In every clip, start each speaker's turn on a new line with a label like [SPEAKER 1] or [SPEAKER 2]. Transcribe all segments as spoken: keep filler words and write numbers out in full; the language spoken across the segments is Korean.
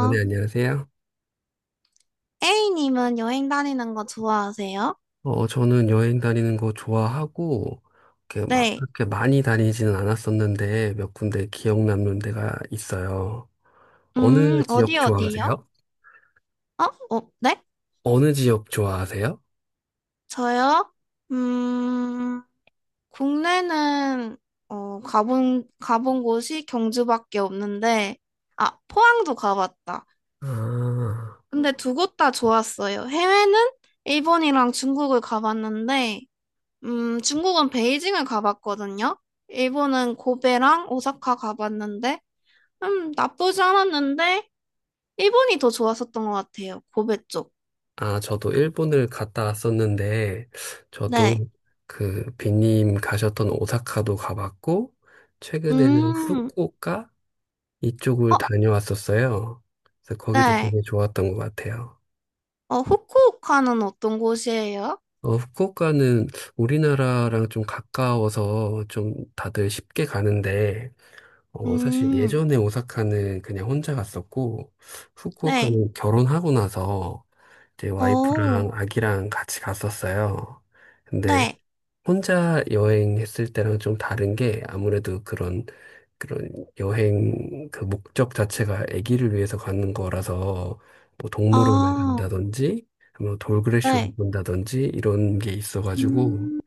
[SPEAKER 1] 아, 네, 안녕하세요.
[SPEAKER 2] A님은 여행 다니는 거 좋아하세요?
[SPEAKER 1] 어, 저는 여행 다니는 거 좋아하고, 이렇게 막
[SPEAKER 2] 네.
[SPEAKER 1] 그렇게 많이 다니지는 않았었는데, 몇 군데 기억 남는 데가 있어요.
[SPEAKER 2] 음,
[SPEAKER 1] 어느
[SPEAKER 2] 어디
[SPEAKER 1] 지역
[SPEAKER 2] 어디요?
[SPEAKER 1] 좋아하세요?
[SPEAKER 2] 어? 어, 네?
[SPEAKER 1] 어느 지역 좋아하세요?
[SPEAKER 2] 저요? 음, 국내는, 어, 가본, 가본 곳이 경주밖에 없는데, 아, 포항도 가봤다.
[SPEAKER 1] 아,
[SPEAKER 2] 근데 두 곳 다 좋았어요. 해외는 일본이랑 중국을 가봤는데, 음, 중국은 베이징을 가봤거든요. 일본은 고베랑 오사카 가봤는데, 음, 나쁘지 않았는데, 일본이 더 좋았었던 것 같아요. 고베 쪽.
[SPEAKER 1] 아, 저도 일본을 갔다 왔었는데,
[SPEAKER 2] 네.
[SPEAKER 1] 저도 그 빈님 가셨던 오사카도 가봤고, 최근에는
[SPEAKER 2] 음,
[SPEAKER 1] 후쿠오카 이쪽을
[SPEAKER 2] 어,
[SPEAKER 1] 다녀왔었어요. 그래서 거기도
[SPEAKER 2] 네.
[SPEAKER 1] 되게 좋았던 것 같아요.
[SPEAKER 2] 어, 후쿠오카는 어떤 곳이에요?
[SPEAKER 1] 어, 후쿠오카는 우리나라랑 좀 가까워서 좀 다들 쉽게 가는데, 어, 사실
[SPEAKER 2] 음,
[SPEAKER 1] 예전에 오사카는 그냥 혼자 갔었고,
[SPEAKER 2] 네.
[SPEAKER 1] 후쿠오카는 결혼하고 나서 제
[SPEAKER 2] 어,
[SPEAKER 1] 와이프랑 아기랑 같이 갔었어요. 근데
[SPEAKER 2] 네.
[SPEAKER 1] 혼자 여행했을 때랑 좀 다른 게 아무래도 그런 그런 여행 그 목적 자체가 아기를 위해서 가는 거라서 뭐 동물원을
[SPEAKER 2] 아,
[SPEAKER 1] 간다든지 뭐 돌그래쇼를
[SPEAKER 2] 네.
[SPEAKER 1] 본다든지 이런 게 있어가지고
[SPEAKER 2] 음,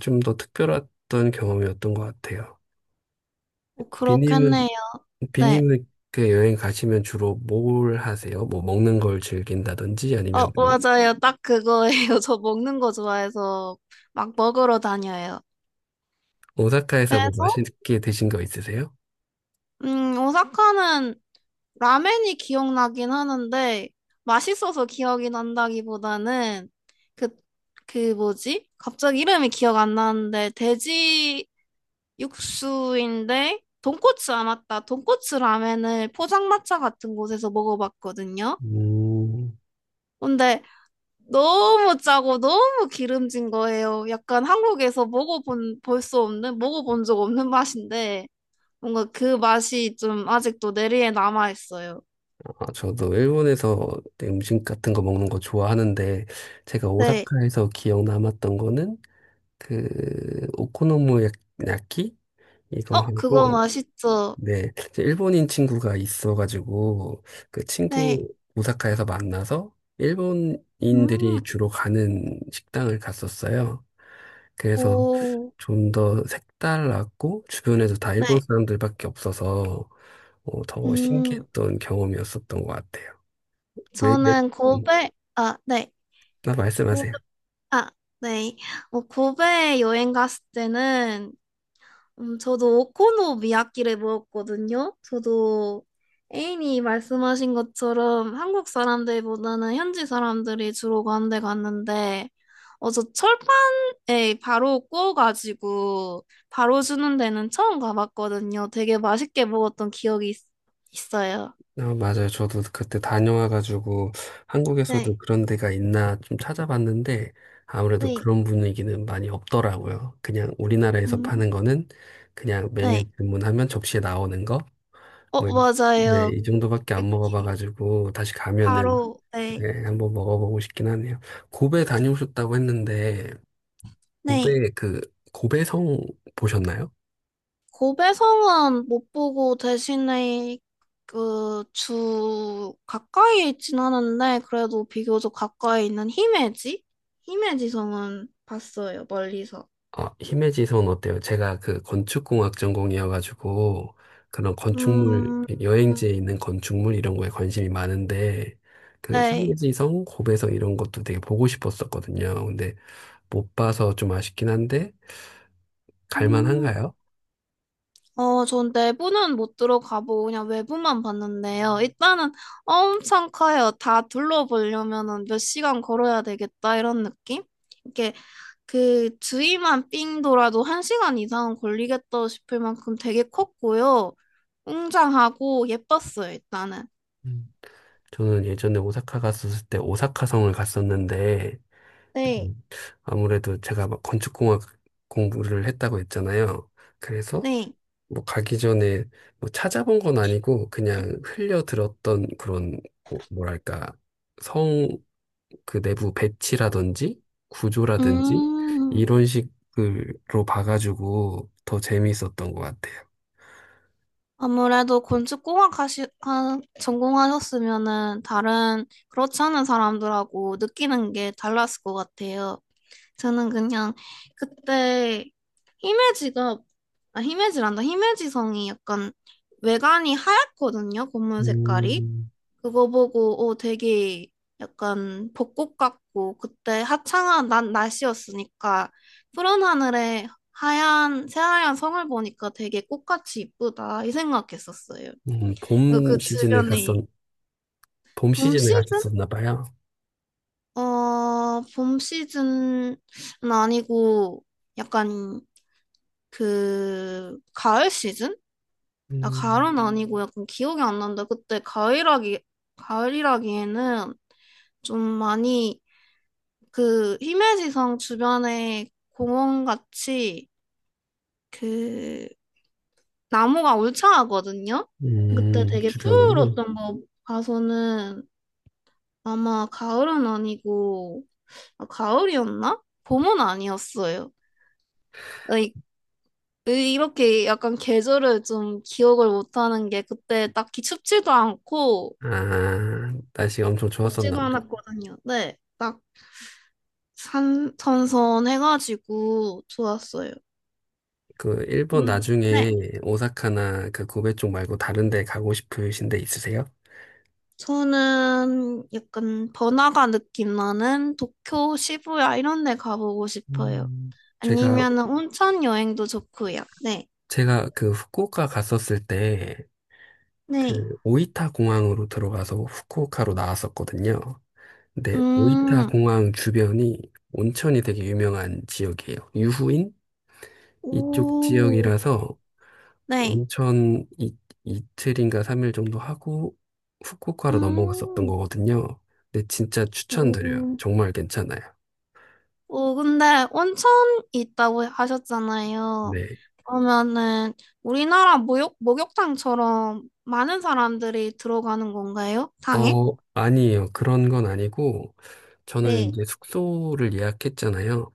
[SPEAKER 1] 좀 더 특별했던 경험이었던 것 같아요.
[SPEAKER 2] 어,
[SPEAKER 1] 비님은
[SPEAKER 2] 그렇겠네요. 네.
[SPEAKER 1] 비님은 그 여행 가시면 주로 뭘 하세요? 뭐 먹는 걸 즐긴다든지
[SPEAKER 2] 어,
[SPEAKER 1] 아니면 뭐
[SPEAKER 2] 맞아요. 딱 그거예요. 저 먹는 거 좋아해서 막 먹으러 다녀요.
[SPEAKER 1] 오사카에서 뭐
[SPEAKER 2] 그래서,
[SPEAKER 1] 맛있게 드신 거 있으세요?
[SPEAKER 2] 음, 오사카는 라멘이 기억나긴 하는데 맛있어서 기억이 난다기보다는 그, 그 뭐지? 갑자기 이름이 기억 안 나는데 돼지 육수인데 돈코츠 아 맞다. 돈코츠 라멘을 포장마차 같은 곳에서 먹어봤거든요.
[SPEAKER 1] 음,
[SPEAKER 2] 근데 너무 짜고 너무 기름진 거예요. 약간 한국에서 먹어본 볼 수 없는 먹어본 적 없는 맛인데 뭔가 그 맛이 좀 아직도 내리에 남아 있어요.
[SPEAKER 1] 아, 저도 일본에서 음식 같은 거 먹는 거 좋아하는데, 제가
[SPEAKER 2] 네.
[SPEAKER 1] 오사카에서 기억 남았던 거는, 그, 오코노미야키? 이거
[SPEAKER 2] 어, 그거
[SPEAKER 1] 하고,
[SPEAKER 2] 맛있죠?
[SPEAKER 1] 네, 제 일본인 친구가 있어가지고 그
[SPEAKER 2] 네.
[SPEAKER 1] 친구 오사카에서 만나서 일본인들이
[SPEAKER 2] 음,
[SPEAKER 1] 주로 가는 식당을 갔었어요. 그래서
[SPEAKER 2] 오,
[SPEAKER 1] 좀 더 색달랐고 주변에도 다
[SPEAKER 2] 네.
[SPEAKER 1] 일본 사람들밖에 없어서 어, 더
[SPEAKER 2] 음,
[SPEAKER 1] 신기했던 경험이었었던 것 같아요. 맥, 맥,
[SPEAKER 2] 저는
[SPEAKER 1] 음,
[SPEAKER 2] 고베, 아, 네.
[SPEAKER 1] 나
[SPEAKER 2] 고베,
[SPEAKER 1] 말씀하세요.
[SPEAKER 2] 아, 네. 어, 고베 여행 갔을 때는 음, 저도 오코노 미야키를 먹었거든요. 저도 애인이 말씀하신 것처럼 한국 사람들보다는 현지 사람들이 주로 가는 데 갔는데, 어, 저 철판에 바로 구워가지고 바로 주는 데는 처음 가봤거든요. 되게 맛있게 먹었던 기억이 있, 있어요.
[SPEAKER 1] 아, 맞아요. 저도 그때 다녀와가지고 한국에서도
[SPEAKER 2] 네,
[SPEAKER 1] 그런 데가 있나 좀 찾아봤는데 아무래도
[SPEAKER 2] 네,
[SPEAKER 1] 그런 분위기는 많이 없더라고요. 그냥 우리나라에서
[SPEAKER 2] 음,
[SPEAKER 1] 파는 거는 그냥 메뉴
[SPEAKER 2] 네.
[SPEAKER 1] 주문하면 접시에 나오는 거.
[SPEAKER 2] 어,
[SPEAKER 1] 뭐, 이- 네,
[SPEAKER 2] 맞아요.
[SPEAKER 1] 이 정도밖에 안
[SPEAKER 2] 이렇게
[SPEAKER 1] 먹어봐가지고 다시 가면은
[SPEAKER 2] 바로, 네,
[SPEAKER 1] 네, 한번 먹어보고 싶긴 하네요. 고베 다녀오셨다고 했는데
[SPEAKER 2] 네.
[SPEAKER 1] 고베 그 고베성 보셨나요?
[SPEAKER 2] 고배성은 못 보고 대신에 그 주 가까이 있진 않은데 그래도 비교적 가까이 있는 히메지? 히메지 성은 봤어요, 멀리서.
[SPEAKER 1] 어, 히메지 선 어때요? 제가 그 건축공학 전공이어가지고 그런 건축물,
[SPEAKER 2] 음,
[SPEAKER 1] 여행지에 있는 건축물 이런 거에 관심이 많은데 그
[SPEAKER 2] 네.
[SPEAKER 1] 히메지 성, 고베 성 이런 것도 되게 보고 싶었었거든요. 근데 못 봐서 좀 아쉽긴 한데
[SPEAKER 2] 음,
[SPEAKER 1] 갈만한가요?
[SPEAKER 2] 어, 전 내부는 못 들어가보고 그냥 외부만 봤는데요. 일단은 엄청 커요. 다 둘러보려면은 몇 시간 걸어야 되겠다 이런 느낌? 이게 그 주위만 삥 돌아도 한 시간 이상은 걸리겠다 싶을 만큼 되게 컸고요. 웅장하고 예뻤어요, 일단은.
[SPEAKER 1] 음. 저는 예전에 오사카 갔었을 때 오사카 성을 갔었는데
[SPEAKER 2] 네,
[SPEAKER 1] 음, 아무래도 제가 막 건축공학 공부를 했다고 했잖아요. 그래서
[SPEAKER 2] 네.
[SPEAKER 1] 뭐 가기 전에 뭐 찾아본 건 아니고 그냥 흘려 들었던 그런 뭐- 뭐랄까 성 그 내부 배치라든지 구조라든지
[SPEAKER 2] 음,
[SPEAKER 1] 이런 식으로 봐가지고 더 재미있었던 것 같아요.
[SPEAKER 2] 아무래도 건축 공학 하시, 하, 전공하셨으면은 다른 그렇지 않은 사람들하고 느끼는 게 달랐을 것 같아요. 저는 그냥 그때 히메지가, 아, 히메지란다. 히메지성이 약간 외관이 하얗거든요, 건물 색깔이.
[SPEAKER 1] 음,
[SPEAKER 2] 그거 보고 어 되게 약간 벚꽃 같고 그때 화창한 난 날씨였으니까 푸른 하늘에 하얀 새하얀 성을 보니까 되게 꽃같이 이쁘다 이 생각했었어요.
[SPEAKER 1] 음,
[SPEAKER 2] 그리고
[SPEAKER 1] 봄
[SPEAKER 2] 그
[SPEAKER 1] 시즌에 갔었,
[SPEAKER 2] 주변이
[SPEAKER 1] 봄
[SPEAKER 2] 봄
[SPEAKER 1] 시즌에
[SPEAKER 2] 시즌?
[SPEAKER 1] 가셨었나 봐요.
[SPEAKER 2] 어, 봄 시즌은 아니고 약간 그 가을 시즌? 아,
[SPEAKER 1] 음,
[SPEAKER 2] 가을은 아니고 약간 기억이 안 난다. 그때 가을이라기 가을이라기에는 좀 많이 그 히메지성 주변에 공원 같이 그 나무가 울창하거든요. 그때
[SPEAKER 1] 음,
[SPEAKER 2] 되게
[SPEAKER 1] 주변으로.
[SPEAKER 2] 푸르렀던 거 봐서는 아마 가을은 아니고 아, 가을이었나? 봄은 아니었어요. 이 이 이렇게 약간 계절을 좀 기억을 못하는 게 그때 딱히 춥지도 않고
[SPEAKER 1] 아, 날씨가 엄청 좋았었나
[SPEAKER 2] 덥지도
[SPEAKER 1] 보다.
[SPEAKER 2] 않았거든요. 네, 딱 산, 선선해가지고 좋았어요.
[SPEAKER 1] 그 일본
[SPEAKER 2] 음, 네.
[SPEAKER 1] 나중에 오사카나 그 고베 쪽 말고 다른 데 가고 싶으신 데 있으세요?
[SPEAKER 2] 저는 약간 번화가 느낌 나는 도쿄, 시부야 이런 데 가보고 싶어요.
[SPEAKER 1] 음, 제가
[SPEAKER 2] 아니면은 온천 여행도 좋고요. 네.
[SPEAKER 1] 제가 그 후쿠오카 갔었을 때
[SPEAKER 2] 네.
[SPEAKER 1] 그 오이타 공항으로 들어가서 후쿠오카로 나왔었거든요. 근데 오이타
[SPEAKER 2] 음.
[SPEAKER 1] 공항 주변이 온천이 되게 유명한 지역이에요. 유후인 이쪽
[SPEAKER 2] 오.
[SPEAKER 1] 지역이라서
[SPEAKER 2] 네.
[SPEAKER 1] 온천 이, 이틀인가 삼 일 정도 하고 후쿠오카로 넘어갔었던
[SPEAKER 2] 음.
[SPEAKER 1] 거거든요. 근데 진짜 추천드려요.
[SPEAKER 2] 오.
[SPEAKER 1] 정말 괜찮아요.
[SPEAKER 2] 오, 근데 온천 있다고 하셨잖아요.
[SPEAKER 1] 네.
[SPEAKER 2] 그러면은 우리나라 목욕, 목욕탕처럼 많은 사람들이 들어가는 건가요? 당에?
[SPEAKER 1] 어, 아니에요. 그런 건 아니고, 저는
[SPEAKER 2] 네.
[SPEAKER 1] 이제 숙소를 예약했잖아요.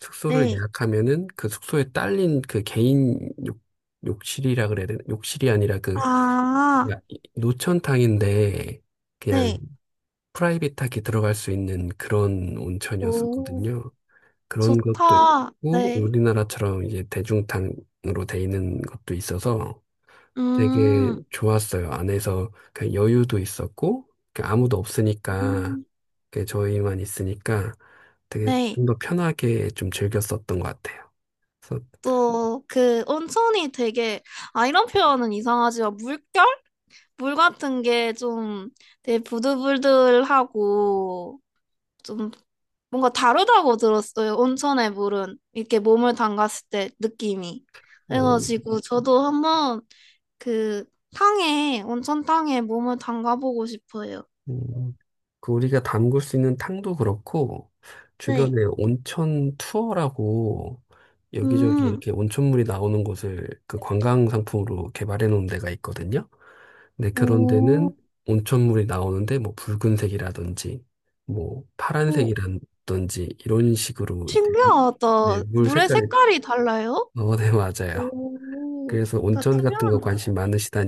[SPEAKER 1] 숙소를
[SPEAKER 2] 네.
[SPEAKER 1] 예약하면은 그 숙소에 딸린 그 개인 욕, 욕실이라 그래야 되나? 욕실이 아니라 그
[SPEAKER 2] 아.
[SPEAKER 1] 그냥 이- 노천탕인데 그냥
[SPEAKER 2] 네.
[SPEAKER 1] 프라이빗하게 들어갈 수 있는 그런
[SPEAKER 2] 오.
[SPEAKER 1] 온천이었었거든요. 그런 것도
[SPEAKER 2] 좋다.
[SPEAKER 1] 있고,
[SPEAKER 2] 네.
[SPEAKER 1] 우리나라처럼 이제 대중탕으로 돼 있는 것도 있어서 되게
[SPEAKER 2] 음,
[SPEAKER 1] 좋았어요. 안에서 그냥 여유도 있었고, 그냥 아무도 없으니까,
[SPEAKER 2] 음,
[SPEAKER 1] 그냥 저희만 있으니까 되게
[SPEAKER 2] 네.
[SPEAKER 1] 좀 더 편하게 좀 즐겼었던 것 같아요. 그래서,
[SPEAKER 2] 또, 그, 온천이 되게, 아, 이런 표현은 이상하지만, 물결? 물 같은 게 좀 되게 부들부들하고, 좀 뭔가 다르다고 들었어요. 온천의 물은. 이렇게 몸을 담갔을 때 느낌이.
[SPEAKER 1] 어,
[SPEAKER 2] 그래가지고, 저도 한번 그, 탕에, 온천탕에 몸을 담가보고 싶어요.
[SPEAKER 1] 음, 그 우리가 담글 수 있는 탕도 그렇고,
[SPEAKER 2] 네.
[SPEAKER 1] 주변에 온천 투어라고 여기저기
[SPEAKER 2] 음,
[SPEAKER 1] 이렇게 온천물이 나오는 곳을 그 관광 상품으로 개발해 놓은 데가 있거든요. 네, 그런
[SPEAKER 2] 오.
[SPEAKER 1] 데는 온천물이 나오는데 뭐 붉은색이라든지 뭐
[SPEAKER 2] 오.
[SPEAKER 1] 파란색이라든지 이런 식으로 네, 무- 네,
[SPEAKER 2] 신기하다.
[SPEAKER 1] 물
[SPEAKER 2] 물의
[SPEAKER 1] 색깔이
[SPEAKER 2] 색깔이 달라요?
[SPEAKER 1] 어, 네, 맞아요.
[SPEAKER 2] 오,
[SPEAKER 1] 그래서
[SPEAKER 2] 다
[SPEAKER 1] 온천 같은
[SPEAKER 2] 투명한
[SPEAKER 1] 거
[SPEAKER 2] 거야.
[SPEAKER 1] 관심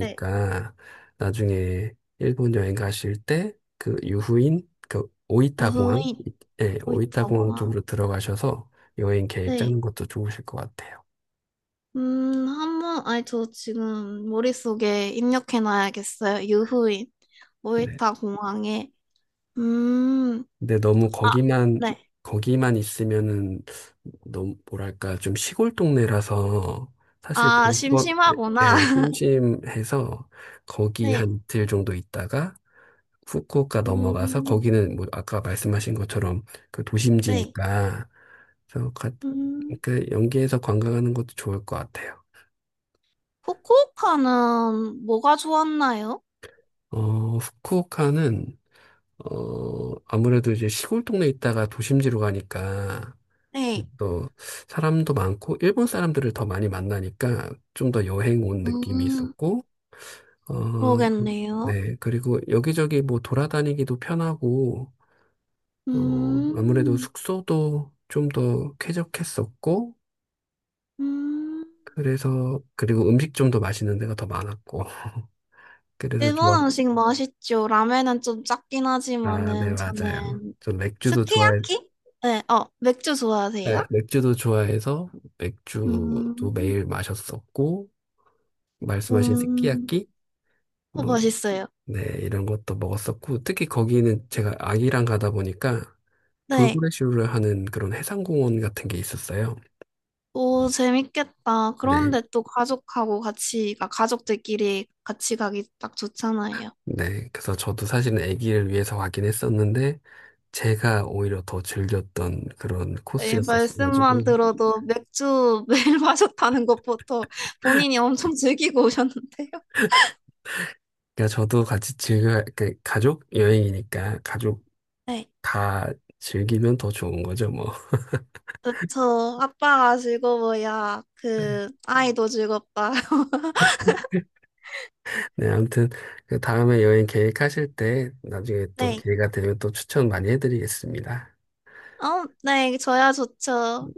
[SPEAKER 2] 네.
[SPEAKER 1] 나중에 일본 여행 가실 때 그 유후인 그
[SPEAKER 2] 유
[SPEAKER 1] 오이타 공항
[SPEAKER 2] 인
[SPEAKER 1] 예, 오이타 공항
[SPEAKER 2] 오이타와.
[SPEAKER 1] 쪽으로 들어가셔서 여행 계획
[SPEAKER 2] 네.
[SPEAKER 1] 짜는 것도 좋으실 것 같아요.
[SPEAKER 2] 음, 한번, 아니, 저 지금 머릿속에 입력해놔야겠어요. 유후인.
[SPEAKER 1] 네.
[SPEAKER 2] 오이타 공항에. 음,
[SPEAKER 1] 근데 너무
[SPEAKER 2] 아,
[SPEAKER 1] 거기만
[SPEAKER 2] 네.
[SPEAKER 1] 거기만 있으면은 너무 뭐랄까 좀 시골 동네라서 사실
[SPEAKER 2] 아,
[SPEAKER 1] 본권
[SPEAKER 2] 심심하구나.
[SPEAKER 1] 에 심심해서 거기
[SPEAKER 2] 네.
[SPEAKER 1] 한 이틀 정도 있다가 후쿠오카 넘어가서
[SPEAKER 2] 음,
[SPEAKER 1] 거기는 뭐 아까 말씀하신 것처럼 그
[SPEAKER 2] 네.
[SPEAKER 1] 도심지니까 그래서 가,
[SPEAKER 2] 음,
[SPEAKER 1] 그 연계해서 관광하는 것도 좋을 것 같아요.
[SPEAKER 2] 후쿠오카는 뭐가 좋았나요?
[SPEAKER 1] 어, 후쿠오카는 어 아무래도 이제 시골 동네 있다가 도심지로 가니까
[SPEAKER 2] 네.
[SPEAKER 1] 또 사람도 많고 일본 사람들을 더 많이 만나니까 좀 더 여행 온 느낌이
[SPEAKER 2] 음,
[SPEAKER 1] 있었고 어 그,
[SPEAKER 2] 그러겠네요.
[SPEAKER 1] 네 그리고 여기저기 뭐 돌아다니기도 편하고 어 아무래도
[SPEAKER 2] 음,
[SPEAKER 1] 숙소도 좀 더 쾌적했었고
[SPEAKER 2] 음.
[SPEAKER 1] 그래서 그리고 음식 좀 더 맛있는 데가 더 많았고 그래서
[SPEAKER 2] 일본
[SPEAKER 1] 좋았
[SPEAKER 2] 음식 맛있죠. 라면은 좀 작긴
[SPEAKER 1] 아 네
[SPEAKER 2] 하지만은
[SPEAKER 1] 맞아요
[SPEAKER 2] 저는
[SPEAKER 1] 저 맥주도 좋아해
[SPEAKER 2] 스키야키? 네, 어, 맥주
[SPEAKER 1] 네,
[SPEAKER 2] 좋아하세요?
[SPEAKER 1] 맥주도 좋아해서 맥주도
[SPEAKER 2] 음,
[SPEAKER 1] 매일 마셨었고 말씀하신
[SPEAKER 2] 음,
[SPEAKER 1] 스키야키
[SPEAKER 2] 어,
[SPEAKER 1] 뭐,
[SPEAKER 2] 맛있어요.
[SPEAKER 1] 네, 이런 것도 먹었었고, 특히 거기는 제가 아기랑 가다 보니까
[SPEAKER 2] 네,
[SPEAKER 1] 돌고래쇼를 하는 그런 해상공원 같은 게 있었어요.
[SPEAKER 2] 오, 재밌겠다.
[SPEAKER 1] 네,
[SPEAKER 2] 그런데 또 가족하고 같이, 가 가족들끼리 같이 가기 딱 좋잖아요.
[SPEAKER 1] 네. 그래서 저도 사실은 아기를 위해서 가긴 했었는데, 제가 오히려 더 즐겼던 그런
[SPEAKER 2] 네, 말씀만
[SPEAKER 1] 코스였었어가지고,
[SPEAKER 2] 들어도 맥주 매일 마셨다는 것부터 본인이 엄청 즐기고 오셨는데요.
[SPEAKER 1] 그러니까 저도 같이 즐겨, 그 가족 여행이니까 가족
[SPEAKER 2] 네.
[SPEAKER 1] 다 즐기면 더 좋은 거죠, 뭐.
[SPEAKER 2] 그쵸. 아빠가 즐거워야
[SPEAKER 1] 네,
[SPEAKER 2] 그 아이도 즐겁다.
[SPEAKER 1] 네, 아무튼 그 다음에 여행 계획하실 때 나중에 또
[SPEAKER 2] 네.
[SPEAKER 1] 기회가 되면 또 추천 많이 해드리겠습니다.
[SPEAKER 2] 어, 네, 저야 좋죠.